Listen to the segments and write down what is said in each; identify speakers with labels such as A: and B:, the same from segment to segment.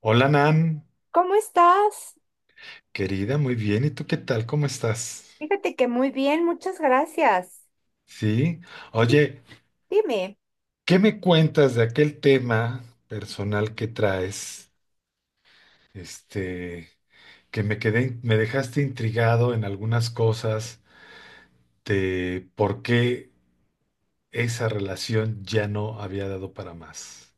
A: Hola Nan,
B: ¿Cómo estás?
A: querida, muy bien. ¿Y tú qué tal? ¿Cómo estás?
B: Fíjate que muy bien, muchas gracias.
A: Sí.
B: Sí,
A: Oye,
B: dime.
A: ¿qué me cuentas de aquel tema personal que traes? Este, que me quedé, me dejaste intrigado en algunas cosas de por qué esa relación ya no había dado para más.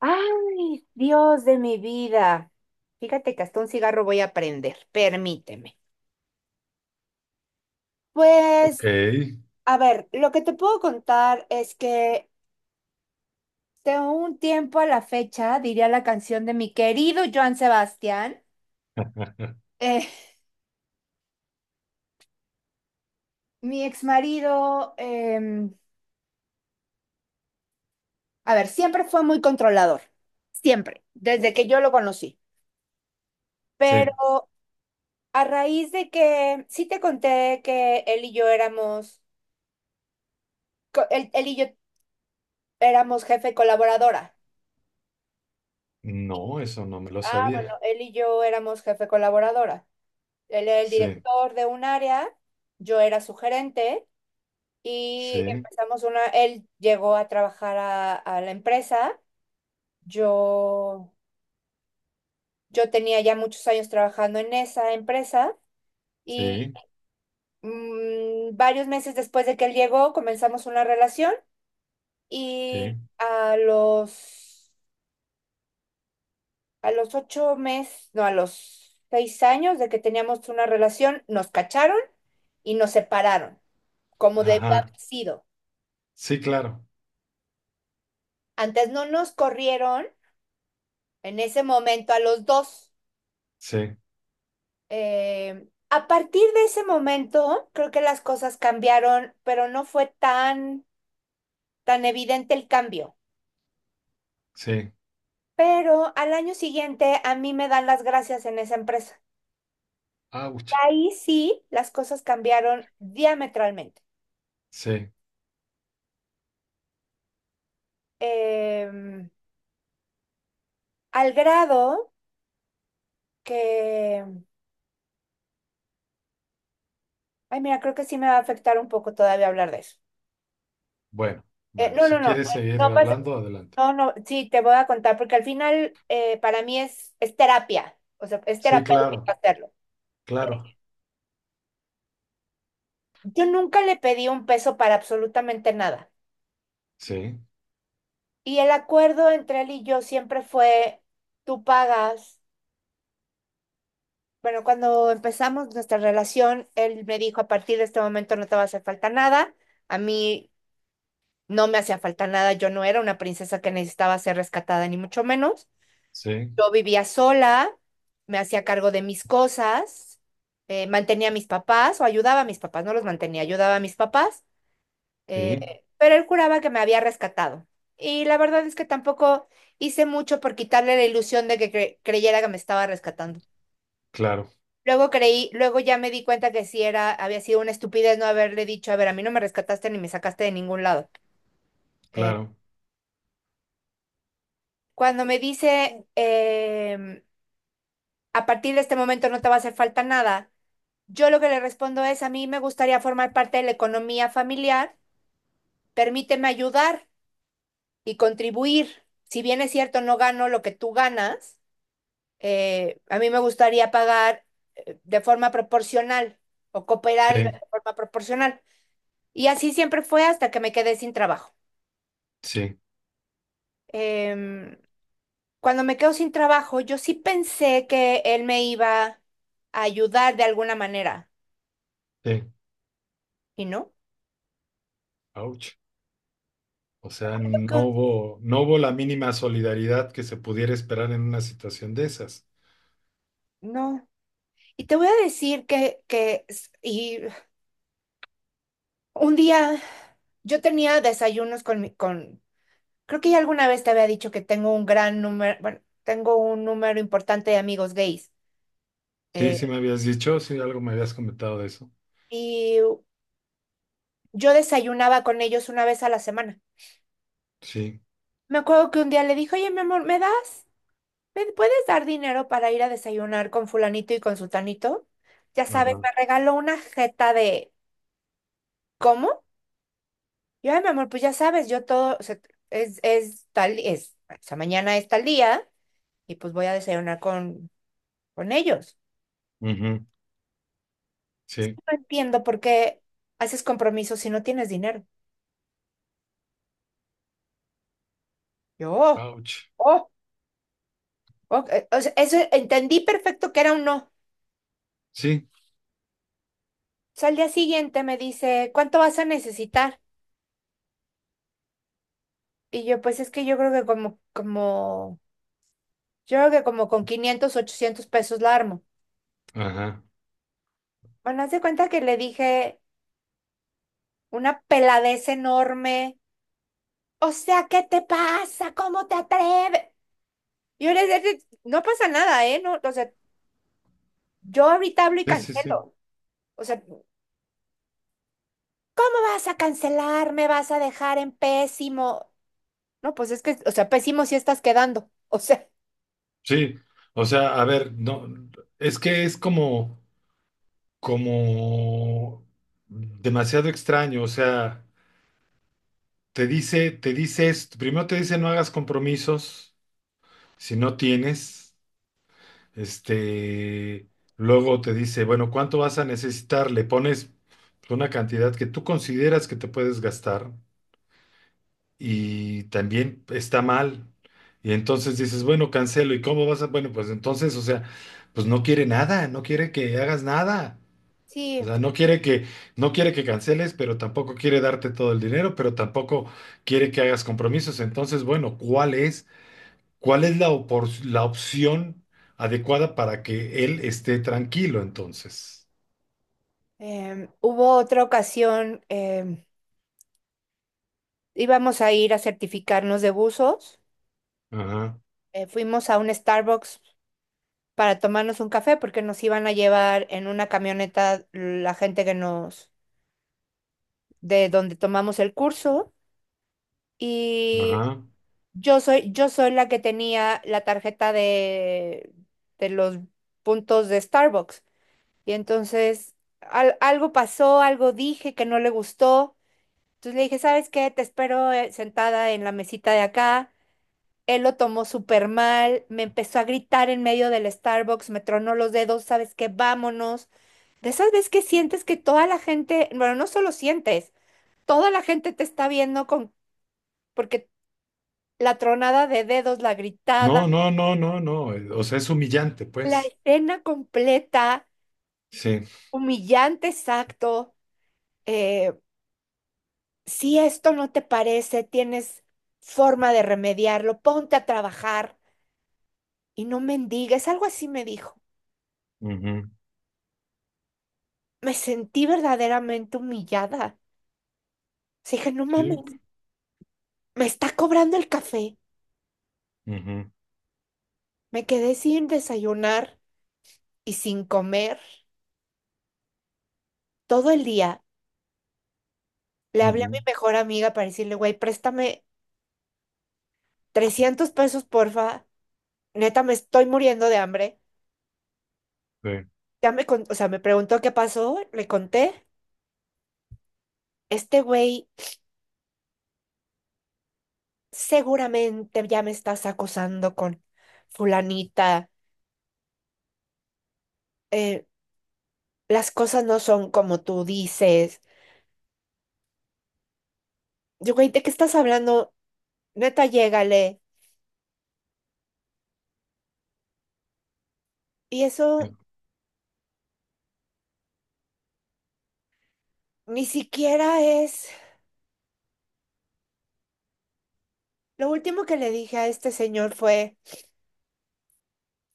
B: Ay, Dios de mi vida. Fíjate que hasta un cigarro voy a prender, permíteme.
A: Ok,
B: Pues, a ver, lo que te puedo contar es que de un tiempo a la fecha, diría la canción de mi querido Joan Sebastián, eh, mi exmarido, a ver, siempre fue muy controlador, siempre, desde que yo lo conocí.
A: sí.
B: Pero a raíz de que sí te conté que él y yo éramos, él y yo éramos jefe colaboradora.
A: No, eso no me lo
B: Ah, bueno,
A: sabía.
B: él y yo éramos jefe colaboradora. Él era el
A: Sí,
B: director de un área, yo era su gerente y
A: sí,
B: empezamos una, él llegó a trabajar a la empresa. Yo, yo tenía ya muchos años trabajando en esa empresa y
A: sí,
B: varios meses después de que él llegó comenzamos una relación.
A: sí.
B: Y a los 8 meses, no, a los 6 años de que teníamos una relación, nos cacharon y nos separaron, como debía
A: Ajá.
B: haber sido.
A: Sí, claro.
B: Antes no nos corrieron en ese momento a los dos.
A: Sí,
B: A partir de ese momento, creo que las cosas cambiaron, pero no fue tan evidente el cambio.
A: sí.
B: Pero al año siguiente a mí me dan las gracias en esa empresa.
A: Auch.
B: Ahí sí, las cosas cambiaron diametralmente.
A: Sí,
B: Em, al grado que, ay, mira, creo que sí me va a afectar un poco todavía hablar de eso.
A: bueno, bueno,
B: No,
A: si
B: no, no,
A: quieres seguir
B: no pasa,
A: hablando, adelante.
B: no, no, sí, te voy a contar, porque al final para mí es terapia, o sea, es
A: Sí, claro,
B: terapéutico hacerlo.
A: claro.
B: Yo nunca le pedí un peso para absolutamente nada.
A: Sí,
B: Y el acuerdo entre él y yo siempre fue, tú pagas. Bueno, cuando empezamos nuestra relación, él me dijo, a partir de este momento no te va a hacer falta nada. A mí no me hacía falta nada, yo no era una princesa que necesitaba ser rescatada, ni mucho menos.
A: sí,
B: Yo vivía sola, me hacía cargo de mis cosas, mantenía a mis papás o ayudaba a mis papás, no los mantenía, ayudaba a mis papás,
A: sí,
B: pero él juraba que me había rescatado. Y la verdad es que tampoco hice mucho por quitarle la ilusión de que creyera que me estaba rescatando.
A: claro,
B: Luego creí, luego ya me di cuenta que sí era, había sido una estupidez no haberle dicho, a ver, a mí no me rescataste ni me sacaste de ningún lado. Eh,
A: claro.
B: cuando me dice, a partir de este momento no te va a hacer falta nada, yo lo que le respondo es, a mí me gustaría formar parte de la economía familiar, permíteme ayudar y contribuir. Si bien es cierto, no gano lo que tú ganas, a mí me gustaría pagar de forma proporcional o cooperar de
A: Sí,
B: forma proporcional. Y así siempre fue hasta que me quedé sin trabajo.
A: sí,
B: Em, cuando me quedo sin trabajo, yo sí pensé que él me iba a ayudar de alguna manera.
A: sí.
B: ¿Y no?
A: Ouch. O sea,
B: Creo
A: no
B: que
A: hubo, no hubo la mínima solidaridad que se pudiera esperar en una situación de esas.
B: no. Y te voy a decir que y un día yo tenía desayunos con creo que ya alguna vez te había dicho que tengo un gran número, bueno, tengo un número importante de amigos gays.
A: Sí, sí
B: Eh,
A: me habías dicho, sí, algo me habías comentado de eso.
B: y yo desayunaba con ellos una vez a la semana.
A: Sí,
B: Me acuerdo que un día le dije, oye, mi amor, ¿me das? ¿Me puedes dar dinero para ir a desayunar con fulanito y con sultanito? Ya sabes,
A: ajá,
B: me regaló una jeta de... ¿Cómo? Yo, ay, mi amor, pues ya sabes, yo todo, o sea, es tal, es, o sea, mañana es tal día y pues voy a desayunar con ellos.
A: ujú, sí,
B: No entiendo por qué haces compromisos si no tienes dinero. Yo, oh,
A: ouch.
B: oh, ok, o sea, eso entendí perfecto que era un no. O
A: Sí,
B: sea, al día siguiente me dice, ¿cuánto vas a necesitar? Y yo, pues es que yo creo que como, como Yo creo que como con 500 800 pesos la armo.
A: ajá,
B: Bueno, haz de cuenta que le dije una peladez enorme. O sea, ¿qué te pasa? ¿Cómo te atreves? Yo le dije, no pasa nada, ¿eh? No, o sea, yo ahorita hablo y
A: sí, sí, sí.
B: cancelo. O sea, ¿cómo vas a cancelar? ¿Me vas a dejar en pésimo? No, pues es que, o sea, pésimo sí estás quedando. O sea,
A: Sí, o sea, a ver, no, es que es como... como demasiado extraño, o sea, te dice esto, primero te dice no hagas compromisos si no tienes, este, luego te dice, bueno, ¿cuánto vas a necesitar? Le pones una cantidad que tú consideras que te puedes gastar y también está mal. Y entonces dices, bueno, cancelo, ¿y cómo vas a? Bueno, pues entonces, o sea, pues no quiere nada, no quiere que hagas nada. O
B: sí,
A: sea, no quiere que canceles, pero tampoco quiere darte todo el dinero, pero tampoco quiere que hagas compromisos. Entonces, bueno, ¿cuál es la la opción adecuada para que él esté tranquilo entonces?
B: hubo otra ocasión, íbamos a ir a certificarnos de buzos.
A: Ajá,
B: Fuimos a un Starbucks para tomarnos un café porque nos iban a llevar en una camioneta la gente que nos, de donde tomamos el curso. Y
A: ajá.
B: yo soy la que tenía la tarjeta de los puntos de Starbucks. Y entonces algo pasó, algo dije que no le gustó. Entonces le dije, ¿sabes qué? Te espero sentada en la mesita de acá. Él lo tomó súper mal, me empezó a gritar en medio del Starbucks, me tronó los dedos, ¿sabes qué? Vámonos. De esas veces que sientes que toda la gente, bueno, no solo sientes, toda la gente te está viendo con, porque la tronada de dedos, la
A: No,
B: gritada,
A: no, no, no, no. O sea, es humillante,
B: la
A: pues.
B: escena completa,
A: Sí.
B: humillante exacto, eh, si esto no te parece, tienes forma de remediarlo, ponte a trabajar y no mendigues, algo así me dijo.
A: Ujú.
B: Me sentí verdaderamente humillada. O sea, dije, no mames,
A: Sí.
B: me está cobrando el café.
A: Ujú,
B: Me quedé sin desayunar y sin comer todo el día. Le hablé a mi
A: ujú.
B: mejor amiga para decirle, güey, préstame 300 pesos, porfa. Neta, me estoy muriendo de hambre.
A: Sí.
B: O sea, me preguntó qué pasó, le conté. Este güey seguramente ya me estás acosando con fulanita. eh, las cosas no son como tú dices. Yo, güey, ¿de qué estás hablando? Neta, llégale. Y eso ni siquiera es... Lo último que le dije a este señor fue,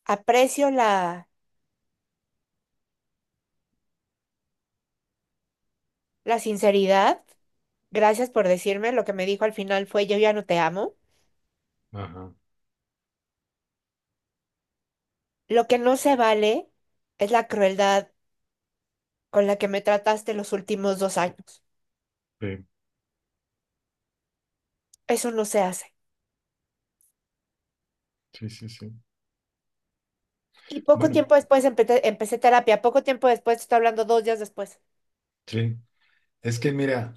B: aprecio la sinceridad. Gracias por decirme. Lo que me dijo al final fue, yo ya no te amo.
A: Ajá.
B: Lo que no se vale es la crueldad con la que me trataste los últimos 2 años.
A: Sí.
B: Eso no se hace.
A: Sí, sí, sí.
B: Y poco
A: Bueno,
B: tiempo después empecé terapia. Poco tiempo después, te estoy hablando 2 días después.
A: sí. Es que mira.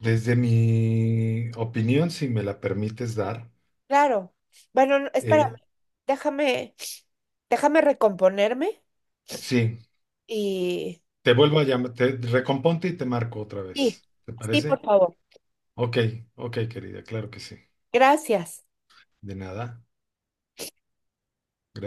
A: Desde mi opinión, si me la permites dar,
B: Claro. Bueno, no, espérame.
A: eh,
B: Déjame, déjame recomponerme
A: sí,
B: y...
A: te vuelvo a llamar, te recomponte y te marco otra
B: Sí,
A: vez. ¿Te
B: sí,
A: parece?
B: por favor.
A: Ok, ok, querida, claro que sí.
B: Gracias.
A: De nada.